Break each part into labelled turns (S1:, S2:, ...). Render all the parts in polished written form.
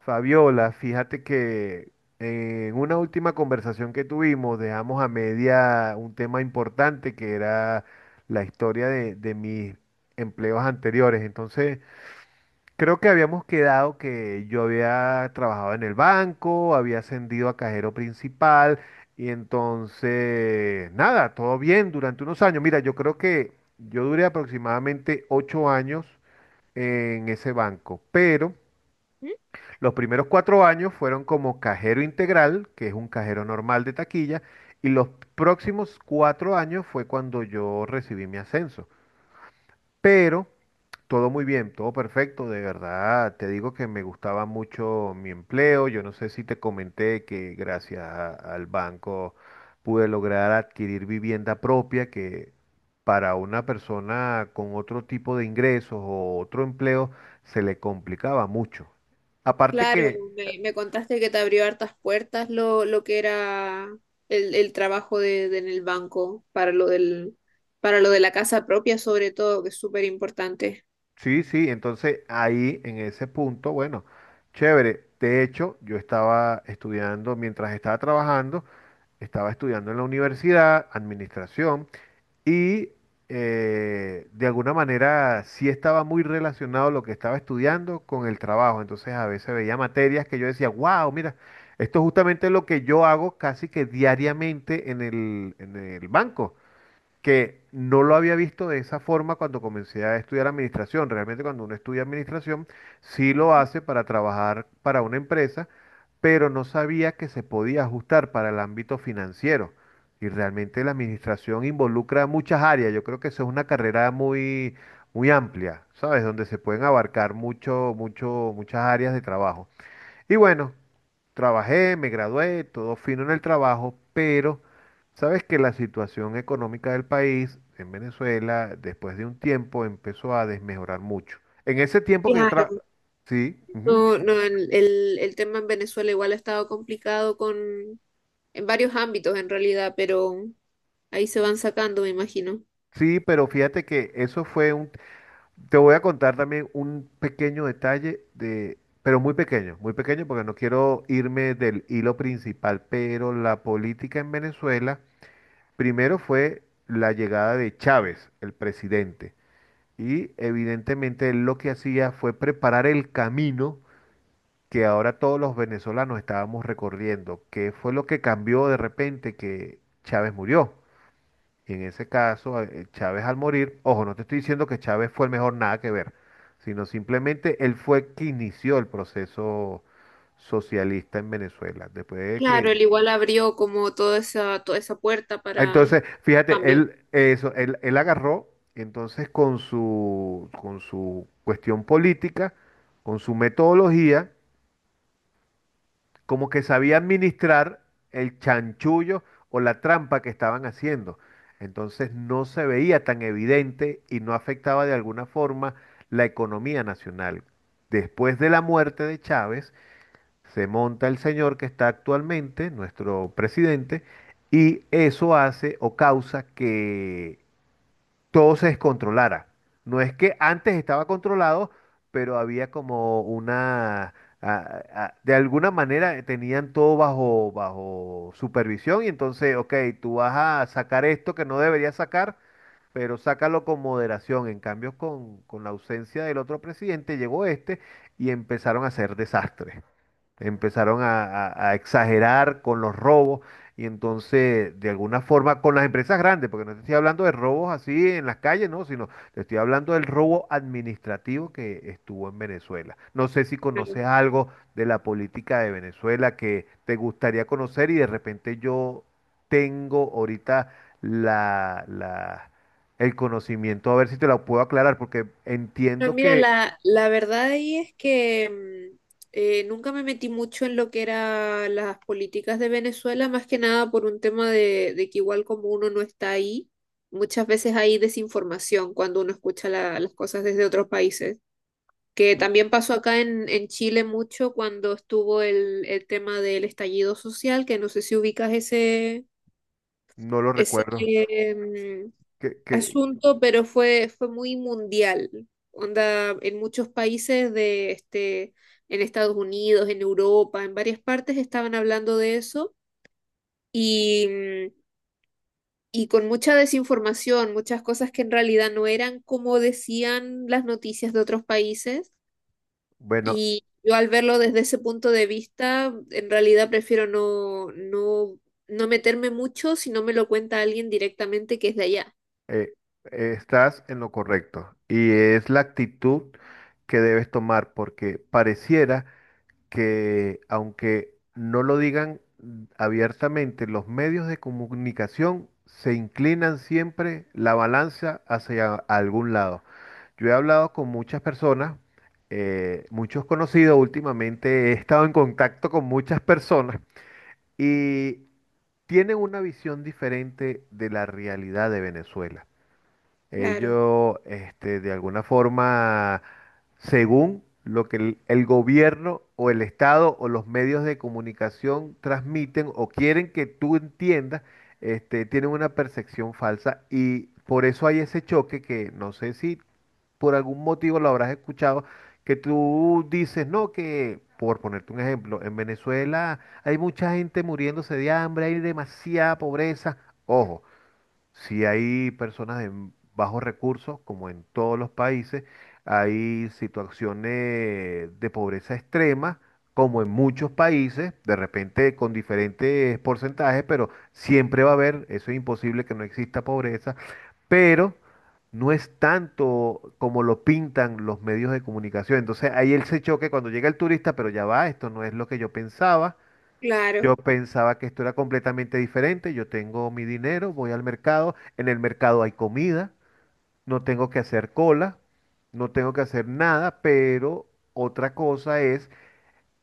S1: Fabiola, fíjate que en una última conversación que tuvimos dejamos a media un tema importante que era la historia de mis empleos anteriores. Entonces, creo que habíamos quedado que yo había trabajado en el banco, había ascendido a cajero principal y entonces, nada, todo bien durante unos años. Mira, yo creo que yo duré aproximadamente 8 años en ese banco, pero...
S2: ¿Mm?
S1: Los primeros 4 años fueron como cajero integral, que es un cajero normal de taquilla, y los próximos 4 años fue cuando yo recibí mi ascenso. Pero todo muy bien, todo perfecto, de verdad. Te digo que me gustaba mucho mi empleo. Yo no sé si te comenté que gracias al banco pude lograr adquirir vivienda propia, que para una persona con otro tipo de ingresos o otro empleo se le complicaba mucho. Aparte
S2: Claro,
S1: que.
S2: me contaste que te abrió hartas puertas lo que era el trabajo de en el banco para lo del, para lo de la casa propia, sobre todo, que es súper importante.
S1: Sí, sí, entonces ahí en ese punto, bueno, chévere. De hecho, yo estaba estudiando, mientras estaba trabajando, estaba estudiando en la universidad, administración, y de alguna manera sí estaba muy relacionado lo que estaba estudiando con el trabajo. Entonces a veces veía materias que yo decía, wow, mira, esto es justamente lo que yo hago casi que diariamente en el banco que no lo había visto de esa forma cuando comencé a estudiar administración. Realmente cuando uno estudia administración, sí lo hace para trabajar para una empresa, pero no sabía que se podía ajustar para el ámbito financiero. Y realmente la administración involucra muchas áreas. Yo creo que eso es una carrera muy, muy amplia, ¿sabes? Donde se pueden abarcar mucho, mucho, muchas áreas de trabajo. Y bueno, trabajé, me gradué, todo fino en el trabajo, pero sabes que la situación económica del país en Venezuela, después de un tiempo, empezó a desmejorar mucho. En ese tiempo que yo
S2: Claro,
S1: tra... Sí, ujú,
S2: no, no, el tema en Venezuela igual ha estado complicado con, en varios ámbitos en realidad, pero ahí se van sacando, me imagino.
S1: sí, pero fíjate que eso fue un... Te voy a contar también un pequeño detalle de... Pero muy pequeño porque no quiero irme del hilo principal, pero la política en Venezuela, primero fue la llegada de Chávez, el presidente. Y evidentemente él lo que hacía fue preparar el camino que ahora todos los venezolanos estábamos recorriendo. ¿Qué fue lo que cambió de repente que Chávez murió? Y en ese caso, Chávez al morir, ojo, no te estoy diciendo que Chávez fue el mejor, nada que ver, sino simplemente él fue que inició el proceso socialista en Venezuela. Después de
S2: Claro,
S1: que.
S2: él igual abrió como toda esa puerta para
S1: Entonces, fíjate,
S2: cambio.
S1: él, eso, él agarró, entonces con su cuestión política, con su metodología, como que sabía administrar el chanchullo o la trampa que estaban haciendo. Entonces no se veía tan evidente y no afectaba de alguna forma la economía nacional. Después de la muerte de Chávez, se monta el señor que está actualmente, nuestro presidente, y eso hace o causa que todo se descontrolara. No es que antes estaba controlado, pero había como una. De alguna manera tenían todo bajo supervisión y entonces, ok, tú vas a sacar esto que no deberías sacar, pero sácalo con moderación. En cambio, con la ausencia del otro presidente, llegó este y empezaron a hacer desastres. Empezaron a exagerar con los robos y entonces, de alguna forma, con las empresas grandes, porque no te estoy hablando de robos así en las calles, no, sino te estoy hablando del robo administrativo que estuvo en Venezuela. No sé si conoces algo de la política de Venezuela que te gustaría conocer y de repente yo tengo ahorita la, la- el conocimiento, a ver si te lo puedo aclarar, porque
S2: No,
S1: entiendo
S2: mira,
S1: que
S2: la verdad ahí es que mm, nunca me metí mucho en lo que eran las políticas de Venezuela, más que nada por un tema de que igual como uno no está ahí, muchas veces hay desinformación cuando uno escucha las cosas desde otros países, que también pasó acá en Chile mucho cuando estuvo el tema del estallido social, que no sé si ubicas ese,
S1: no lo
S2: ese,
S1: recuerdo.
S2: em,
S1: Que, que,
S2: asunto, pero fue muy mundial. Onda, en muchos países de este, en Estados Unidos, en Europa, en varias partes estaban hablando de eso y, mm, y con mucha desinformación, muchas cosas que en realidad no eran como decían las noticias de otros países.
S1: bueno,
S2: Y yo al verlo desde ese punto de vista, en realidad prefiero no meterme mucho si no me lo cuenta alguien directamente que es de allá.
S1: Eh, estás en lo correcto y es la actitud que debes tomar porque pareciera que aunque no lo digan abiertamente, los medios de comunicación se inclinan siempre la balanza hacia algún lado. Yo he hablado con muchas personas, muchos conocidos últimamente, he estado en contacto con muchas personas y tienen una visión diferente de la realidad de Venezuela.
S2: Claro,
S1: Ellos, este, de alguna forma, según lo que el gobierno o el Estado o los medios de comunicación transmiten o quieren que tú entiendas, este, tienen una percepción falsa y por eso hay ese choque que no sé si por algún motivo lo habrás escuchado, que tú dices, no, que, por ponerte un ejemplo, en Venezuela hay mucha gente muriéndose de hambre, hay demasiada pobreza. Ojo. Si hay personas en bajos recursos, como en todos los países, hay situaciones de pobreza extrema, como en muchos países, de repente con diferentes porcentajes, pero siempre va a haber, eso es imposible que no exista pobreza, pero no es tanto como lo pintan los medios de comunicación. Entonces ahí él se choque cuando llega el turista, pero ya va, esto no es lo que yo pensaba. Yo
S2: claro.
S1: pensaba que esto era completamente diferente. Yo tengo mi dinero, voy al mercado, en el mercado hay comida, no tengo que hacer cola, no tengo que hacer nada, pero otra cosa es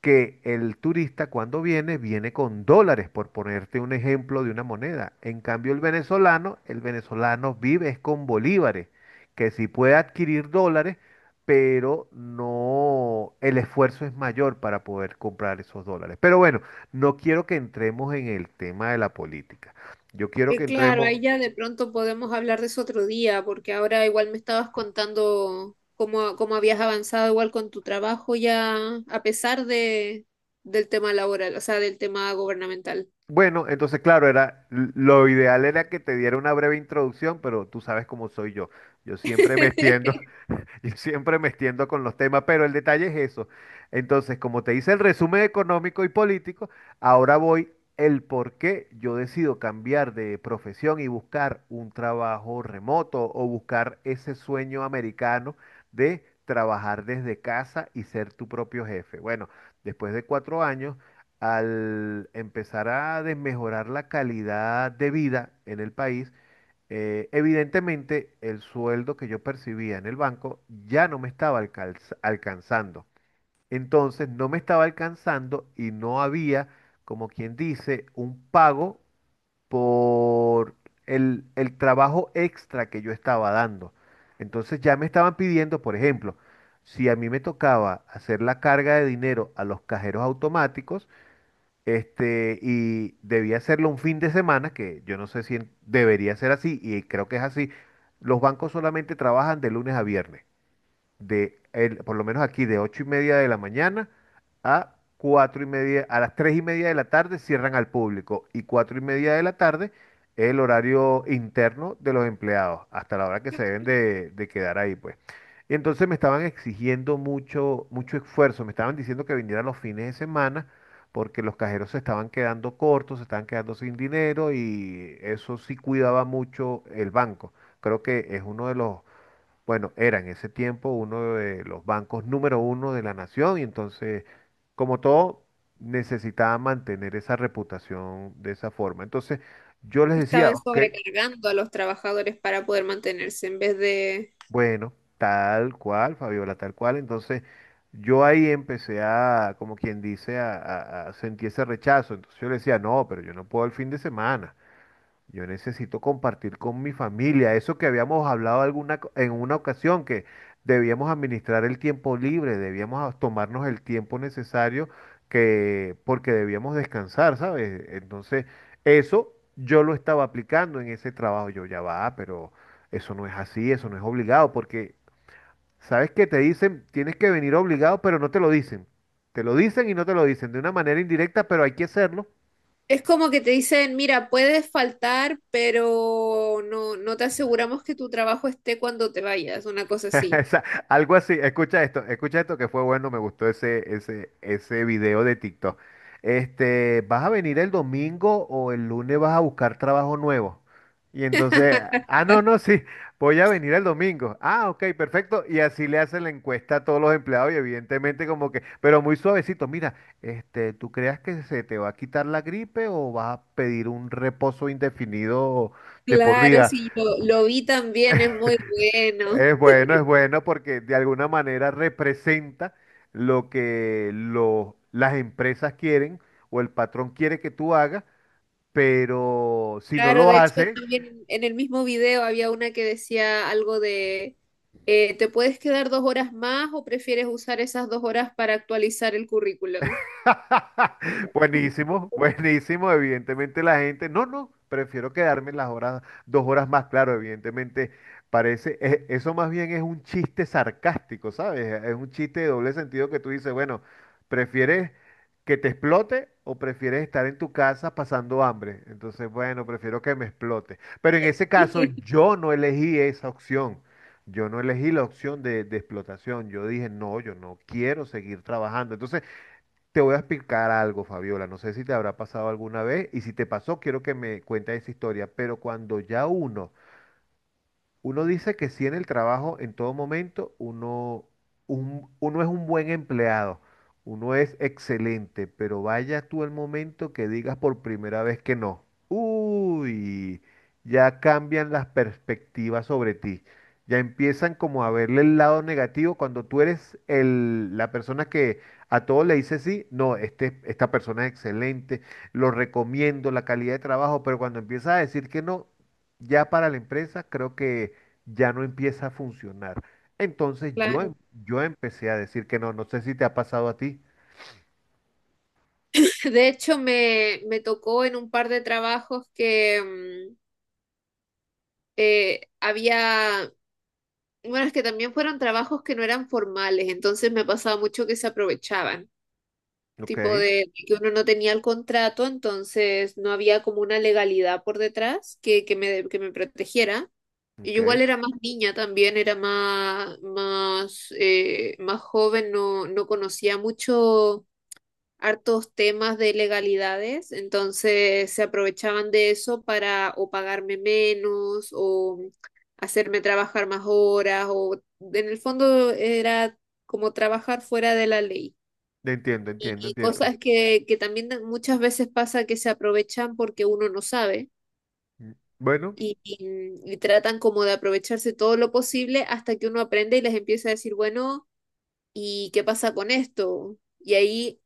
S1: que el turista cuando viene, viene con dólares, por ponerte un ejemplo de una moneda. En cambio, el venezolano vive es con bolívares, que sí puede adquirir dólares, pero no, el esfuerzo es mayor para poder comprar esos dólares. Pero bueno, no quiero que entremos en el tema de la política. Yo quiero que
S2: Que claro, ahí
S1: entremos...
S2: ya de pronto podemos hablar de eso otro día, porque ahora igual me estabas contando cómo, cómo habías avanzado igual con tu trabajo ya, a pesar de, del tema laboral, o sea, del tema gubernamental.
S1: Bueno, entonces claro, era lo ideal era que te diera una breve introducción, pero tú sabes cómo soy yo. Yo siempre me extiendo, Yo siempre me extiendo con los temas, pero el detalle es eso. Entonces, como te hice el resumen económico y político, ahora voy el por qué yo decido cambiar de profesión y buscar un trabajo remoto o buscar ese sueño americano de trabajar desde casa y ser tu propio jefe. Bueno, después de 4 años, al empezar a desmejorar la calidad de vida en el país, evidentemente, el sueldo que yo percibía en el banco ya no me estaba alcanzando. Entonces, no me estaba alcanzando y no había, como quien dice, un pago por el trabajo extra que yo estaba dando. Entonces, ya me estaban pidiendo, por ejemplo, si a mí me tocaba hacer la carga de dinero a los cajeros automáticos, este, y debía hacerlo un fin de semana, que yo no sé si debería ser así, y creo que es así. Los bancos solamente trabajan de lunes a viernes por lo menos aquí de 8:30 de la mañana a 4:30, a las 3:30 de la tarde cierran al público y 4:30 de la tarde es el horario interno de los empleados, hasta la hora que se deben de quedar ahí, pues. Y entonces me estaban exigiendo mucho, mucho esfuerzo, me estaban diciendo que viniera los fines de semana porque los cajeros se estaban quedando cortos, se estaban quedando sin dinero y eso sí cuidaba mucho el banco. Creo que es uno de los bueno, era en ese tiempo uno de los bancos número uno de la nación y entonces, como todo, necesitaba mantener esa reputación de esa forma. Entonces, yo les decía,
S2: Estaban
S1: ok,
S2: sobrecargando a los trabajadores para poder mantenerse en vez de...
S1: bueno, tal cual, Fabiola, tal cual. Entonces, yo ahí empecé a, como quien dice, a sentir ese rechazo. Entonces yo le decía, no, pero yo no puedo el fin de semana. Yo necesito compartir con mi familia, eso que habíamos hablado en una ocasión, que debíamos administrar el tiempo libre, debíamos tomarnos el tiempo necesario que, porque debíamos descansar, ¿sabes? Entonces, eso yo lo estaba aplicando en ese trabajo. Yo ya va, pero eso no es así, eso no es obligado, porque, ¿sabes qué? Te dicen, tienes que venir obligado, pero no te lo dicen. Te lo dicen y no te lo dicen de una manera indirecta, pero hay que hacerlo.
S2: Es como que te dicen, mira, puedes faltar, pero no te aseguramos que tu trabajo esté cuando te vayas, una cosa así.
S1: Esa- algo así, escucha esto que fue bueno, me gustó ese video de TikTok. Este, ¿vas a venir el domingo o el lunes vas a buscar trabajo nuevo? Y entonces, ah, no, no, sí, voy a venir el domingo. Ah, ok, perfecto. Y así le hacen la encuesta a todos los empleados y evidentemente como que, pero muy suavecito, mira, este, ¿tú creas que se te va a quitar la gripe o vas a pedir un reposo indefinido de por
S2: Claro,
S1: vida?
S2: sí, lo vi también, es muy bueno.
S1: Es bueno porque de alguna manera representa lo que las empresas quieren o el patrón quiere que tú hagas, pero si no
S2: Claro,
S1: lo
S2: de hecho
S1: haces,
S2: también en el mismo video había una que decía algo ¿te puedes quedar dos horas más o prefieres usar esas dos horas para actualizar el currículum?
S1: Buenísimo, buenísimo. Evidentemente la gente, no, no, prefiero quedarme las horas, 2 horas más, claro, evidentemente parece, eso más bien es un chiste sarcástico, ¿sabes? Es un chiste de doble sentido que tú dices, bueno, ¿prefieres que te explote o prefieres estar en tu casa pasando hambre? Entonces, bueno, prefiero que me explote. Pero en ese caso, yo no elegí esa opción. Yo no elegí la opción de explotación. Yo dije, no, yo no quiero seguir trabajando. Entonces, te voy a explicar algo, Fabiola. No sé si te habrá pasado alguna vez y si te pasó, quiero que me cuentes esa historia. Pero cuando ya uno dice que sí en el trabajo, en todo momento, uno, uno es un buen empleado, uno es excelente, pero vaya tú el momento que digas por primera vez que no. Uy, ya cambian las perspectivas sobre ti. Ya empiezan como a verle el lado negativo cuando tú eres el, la persona que a todos le dice sí, no, este, esta persona es excelente, lo recomiendo, la calidad de trabajo, pero cuando empiezas a decir que no, ya para la empresa creo que ya no empieza a funcionar. Entonces yo,
S2: Claro.
S1: yo empecé a decir que no, no sé si te ha pasado a ti.
S2: De hecho, me tocó en un par de trabajos que mm, había, bueno, es que también fueron trabajos que no eran formales, entonces me pasaba mucho que se aprovechaban,
S1: Ok,
S2: tipo de, que uno no tenía el contrato, entonces no había como una legalidad por detrás que me protegiera. Y yo
S1: ok,
S2: igual era más niña también, era más, más joven, no conocía mucho hartos temas de legalidades, entonces se aprovechaban de eso para o pagarme menos o hacerme trabajar más horas o en el fondo era como trabajar fuera de la ley.
S1: entiendo,
S2: Y
S1: entiendo,
S2: y
S1: entiendo.
S2: cosas que también muchas veces pasa que se aprovechan porque uno no sabe
S1: Mm. Bueno,
S2: y tratan como de aprovecharse todo lo posible hasta que uno aprende y les empieza a decir, bueno, ¿y qué pasa con esto? Y ahí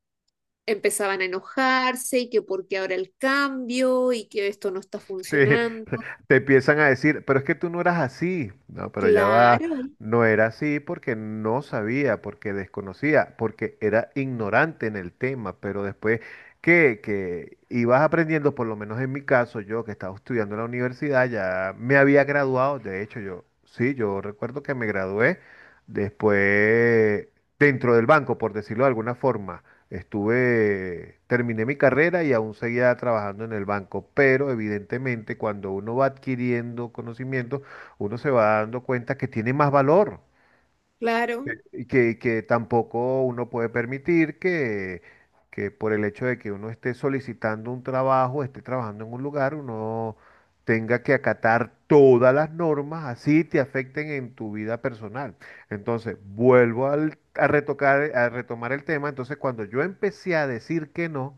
S2: empezaban a enojarse y que porque ahora el cambio y que esto no está
S1: sí,
S2: funcionando.
S1: te empiezan a decir, pero es que tú no eras así. No, pero ya va,
S2: Claro,
S1: no era así porque no sabía, porque desconocía, porque era ignorante en el tema, pero después que ibas aprendiendo, por lo menos en mi caso, yo que estaba estudiando en la universidad, ya me había graduado, de hecho yo, sí, yo recuerdo que me gradué después dentro del banco, por decirlo de alguna forma. Estuve, terminé mi carrera y aún seguía trabajando en el banco, pero evidentemente cuando uno va adquiriendo conocimiento, uno se va dando cuenta que tiene más valor.
S2: claro,
S1: Y que tampoco uno puede permitir que por el hecho de que uno esté solicitando un trabajo, esté trabajando en un lugar, uno tenga que acatar todas las normas, así te afecten en tu vida personal. Entonces, vuelvo a retomar el tema. Entonces, cuando yo empecé a decir que no,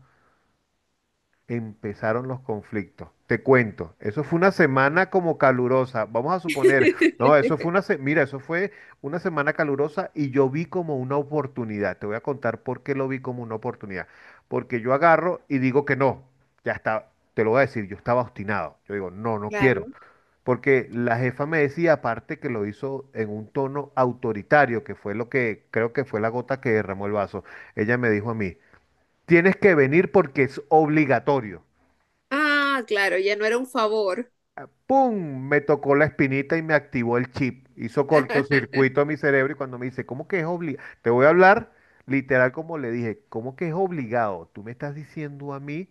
S1: empezaron los conflictos. Te cuento, eso fue una semana como calurosa. Vamos a suponer, no, eso fue eso fue una semana calurosa y yo vi como una oportunidad. Te voy a contar por qué lo vi como una oportunidad. Porque yo agarro y digo que no. Ya está, te lo voy a decir, yo estaba obstinado. Yo digo, no, no quiero.
S2: claro.
S1: Porque la jefa me decía, aparte que lo hizo en un tono autoritario, que fue lo que creo que fue la gota que derramó el vaso. Ella me dijo a mí, tienes que venir porque es obligatorio.
S2: Ah, claro, ya no era un favor.
S1: ¡Pum! Me tocó la espinita y me activó el chip. Hizo cortocircuito a mi cerebro y cuando me dice, ¿cómo que es obligado? Te voy a hablar literal como le dije, ¿cómo que es obligado? Tú me estás diciendo a mí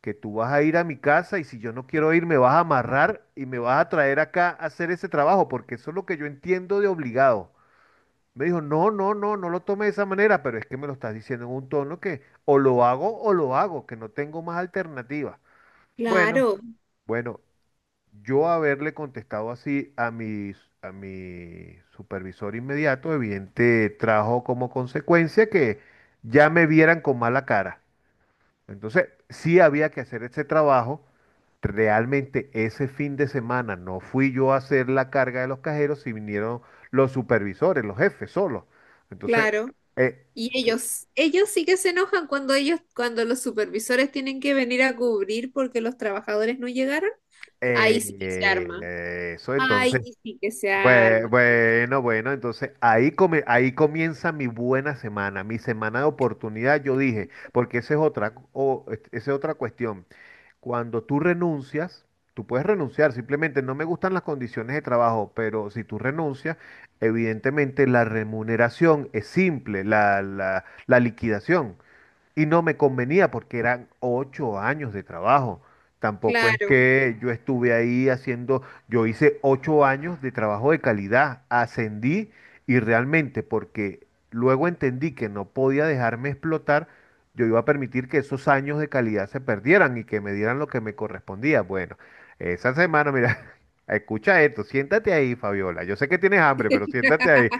S1: que tú vas a ir a mi casa y si yo no quiero ir me vas a amarrar y me vas a traer acá a hacer ese trabajo porque eso es lo que yo entiendo de obligado. Me dijo, no, no, no, no lo tome de esa manera, pero es que me lo estás diciendo en un tono que o lo hago, que no tengo más alternativa. Bueno,
S2: Claro,
S1: bueno, yo haberle contestado así a mi supervisor inmediato, evidente, trajo como consecuencia que ya me vieran con mala cara. Entonces, sí había que hacer ese trabajo. Realmente ese fin de semana no fui yo a hacer la carga de los cajeros, si vinieron los supervisores, los jefes solos. Entonces,
S2: claro.
S1: eh,
S2: Y ellos sí que se enojan cuando ellos, cuando los supervisores tienen que venir a cubrir porque los trabajadores no llegaron. Ahí sí que se arma.
S1: eso
S2: Ay,
S1: entonces
S2: sí que se
S1: Bue-
S2: arma.
S1: Bueno, bueno, entonces ahí, ahí comienza mi buena semana, mi semana de oportunidad, yo dije, porque esa es otra, esa es otra cuestión. Cuando tú renuncias, tú puedes renunciar, simplemente no me gustan las condiciones de trabajo, pero si tú renuncias, evidentemente la remuneración es simple, la liquidación. Y no me convenía porque eran 8 años de trabajo. Tampoco es
S2: Claro,
S1: que yo estuve ahí haciendo, yo hice 8 años de trabajo de calidad, ascendí y realmente porque luego entendí que no podía dejarme explotar, yo iba a permitir que esos años de calidad se perdieran y que me dieran lo que me correspondía. Bueno, esa semana, mira, escucha esto, siéntate ahí, Fabiola. Yo sé que tienes hambre, pero siéntate ahí.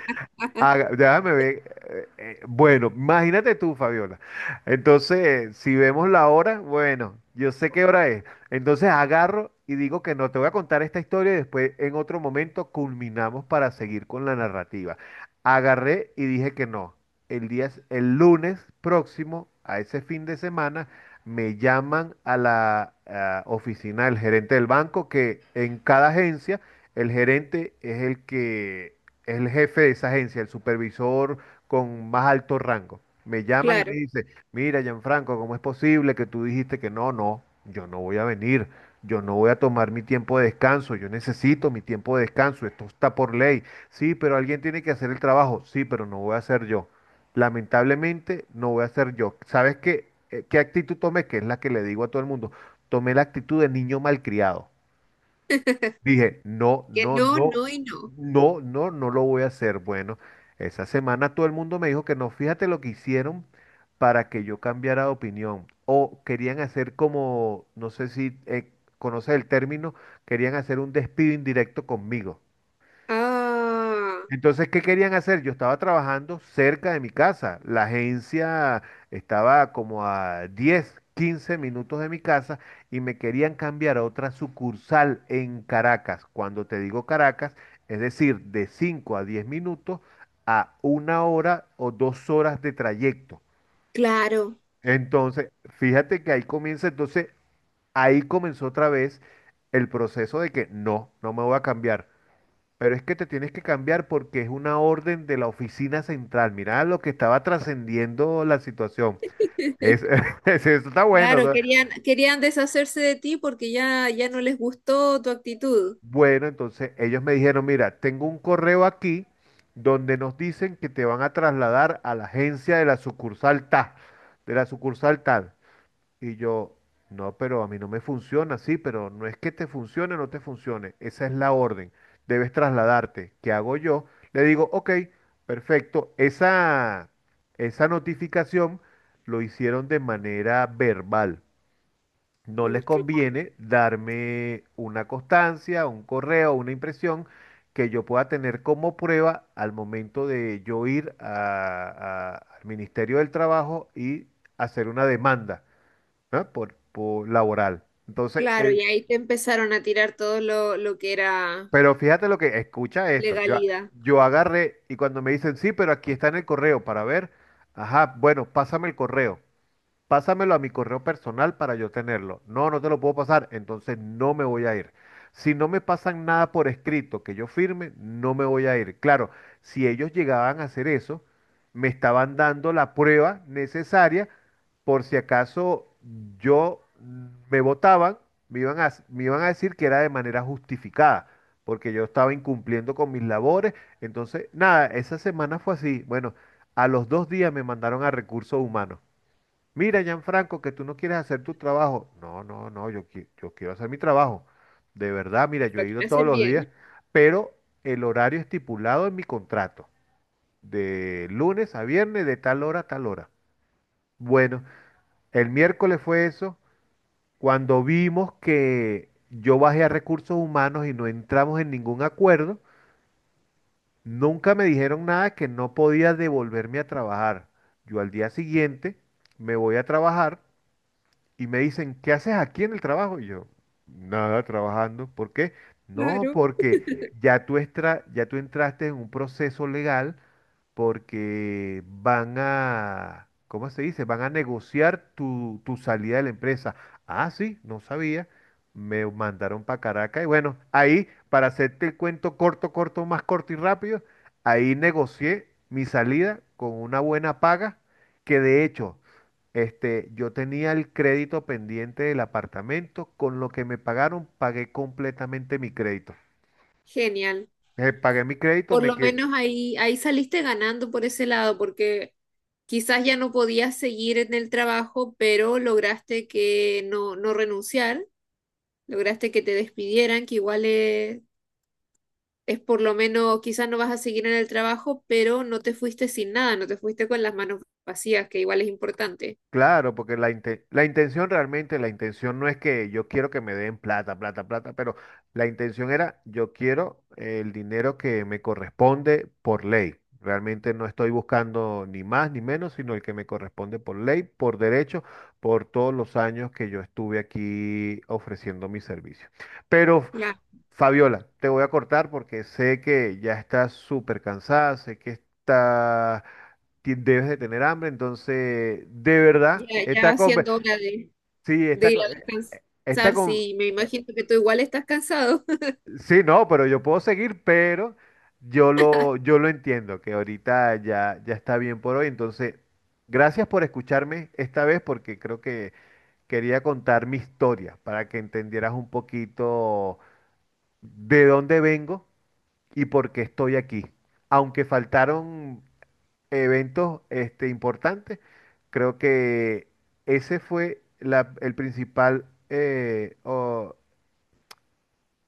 S1: Déjame ver. Bueno, imagínate tú, Fabiola. Entonces, si vemos la hora, bueno, yo sé qué hora es. Entonces agarro y digo que no, te voy a contar esta historia y después en otro momento culminamos para seguir con la narrativa. Agarré y dije que no. El día, el lunes próximo, a ese fin de semana, me llaman a la oficina del gerente del banco, que en cada agencia el gerente es el que el jefe de esa agencia, el supervisor con más alto rango. Me llaman y me
S2: claro.
S1: dice, mira, Gianfranco, ¿cómo es posible que tú dijiste que no, no, yo no voy a venir, yo no voy a tomar mi tiempo de descanso, yo necesito mi tiempo de descanso, esto está por ley. Sí, pero alguien tiene que hacer el trabajo, sí, pero no voy a ser yo. Lamentablemente no voy a ser yo. ¿Sabes qué, qué actitud tomé? Que es la que le digo a todo el mundo. Tomé la actitud de niño malcriado. Dije, no,
S2: Que
S1: no,
S2: no,
S1: no,
S2: no y no.
S1: no, no, no lo voy a hacer. Bueno, esa semana todo el mundo me dijo que no, fíjate lo que hicieron para que yo cambiara de opinión. O querían hacer como, no sé si conoces el término, querían hacer un despido indirecto conmigo.
S2: Ah,
S1: Entonces, ¿qué querían hacer? Yo estaba trabajando cerca de mi casa. La agencia estaba como a 10, 15 minutos de mi casa y me querían cambiar a otra sucursal en Caracas. Cuando te digo Caracas, es decir, de 5 a 10 minutos a una hora o 2 horas de trayecto.
S2: claro,
S1: Entonces, fíjate que ahí comienza, entonces ahí comenzó otra vez el proceso de que no, no me voy a cambiar. Pero es que te tienes que cambiar porque es una orden de la oficina central. Mirá lo que estaba trascendiendo la situación. Es, eso está bueno. O
S2: claro.
S1: sea,
S2: Querían, querían deshacerse de ti porque ya, ya no les gustó tu actitud.
S1: bueno, entonces ellos me dijeron, mira, tengo un correo aquí donde nos dicen que te van a trasladar a la agencia de la sucursal tal, de la sucursal tal. Y yo, no, pero a mí no me funciona, sí, pero no es que te funcione o no te funcione, esa es la orden, debes trasladarte. ¿Qué hago yo? Le digo, ok, perfecto, esa notificación lo hicieron de manera verbal. No
S2: Mm,
S1: les
S2: cl-
S1: conviene darme una constancia, un correo, una impresión que yo pueda tener como prueba al momento de yo ir al Ministerio del Trabajo y hacer una demanda. ¿No? Por laboral. Entonces,
S2: Claro, y ahí te empezaron a tirar todo lo que era
S1: pero fíjate lo que, escucha esto. Yo,
S2: legalidad.
S1: yo agarré y cuando me dicen, sí, pero aquí está en el correo para ver, ajá, bueno, pásame el correo. Pásamelo a mi correo personal para yo tenerlo. No, no te lo puedo pasar, entonces no me voy a ir. Si no me pasan nada por escrito que yo firme, no me voy a ir. Claro, si ellos llegaban a hacer eso, me estaban dando la prueba necesaria por si acaso yo me votaban, me iban a decir que era de manera justificada, porque yo estaba incumpliendo con mis labores. Entonces, nada, esa semana fue así. Bueno, a los 2 días me mandaron a recursos humanos. Mira, Gianfranco, que tú no quieres hacer tu trabajo. No, no, no, yo, yo quiero hacer mi trabajo. De verdad, mira, yo
S2: Lo
S1: he
S2: que
S1: ido
S2: era
S1: todos
S2: hacer
S1: los días,
S2: bien.
S1: pero el horario estipulado en mi contrato, de lunes a viernes, de tal hora a tal hora. Bueno, el miércoles fue eso, cuando vimos que yo bajé a recursos humanos y no entramos en ningún acuerdo, nunca me dijeron nada que no podía devolverme a trabajar. Yo al día siguiente me voy a trabajar. Y me dicen, ¿qué haces aquí en el trabajo? Y yo, nada, trabajando. ¿Por qué? No,
S2: Claro.
S1: porque ya tú, ya tú entraste en un proceso legal porque van a, ¿cómo se dice? Van a negociar tu, tu salida de la empresa. Ah, sí, no sabía. Me mandaron para Caracas y bueno, ahí, para hacerte el cuento corto, corto, más corto y rápido, ahí negocié mi salida con una buena paga, que de hecho, este, yo tenía el crédito pendiente del apartamento, con lo que me pagaron, pagué completamente mi crédito.
S2: Genial.
S1: Pagué mi crédito,
S2: Por
S1: me
S2: lo
S1: quedé,
S2: menos ahí, ahí saliste ganando por ese lado, porque quizás ya no podías seguir en el trabajo, pero lograste que no renunciar, lograste que te despidieran, que igual es por lo menos, quizás no vas a seguir en el trabajo, pero no te fuiste sin nada, no te fuiste con las manos vacías, que igual es importante.
S1: claro, porque la intención realmente, la intención no es que yo quiero que me den plata, plata, plata, pero la intención era yo quiero el dinero que me corresponde por ley. Realmente no estoy buscando ni más ni menos, sino el que me corresponde por ley, por derecho, por todos los años que yo estuve aquí ofreciendo mi servicio. Pero
S2: Ya,
S1: Fabiola, te voy a cortar porque sé que ya estás súper cansada, sé que debes de tener hambre, entonces, de
S2: ya,
S1: verdad,
S2: ya haciendo hora
S1: sí,
S2: de ir a
S1: esta
S2: descansar,
S1: con-
S2: sí, me imagino que tú igual estás cansado.
S1: sí, no, pero yo puedo seguir, pero yo lo entiendo, que ahorita ya está bien por hoy, entonces, gracias por escucharme esta vez porque creo que quería contar mi historia para que entendieras un poquito de dónde vengo y por qué estoy aquí. Aunque faltaron eventos importantes, creo que ese fue el principal, o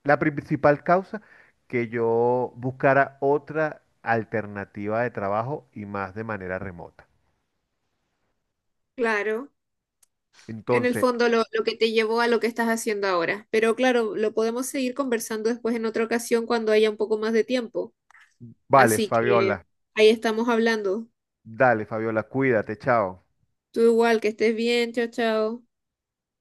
S1: la principal causa que yo buscara otra alternativa de trabajo y más de manera remota.
S2: Claro, en el
S1: Entonces,
S2: fondo lo que te llevó a lo que estás haciendo ahora. Pero claro, lo podemos seguir conversando después en otra ocasión cuando haya un poco más de tiempo.
S1: vale,
S2: Así que
S1: Fabiola,
S2: ahí estamos hablando.
S1: dale, Fabiola, cuídate, chao.
S2: Tú igual, que estés bien, chao, chao.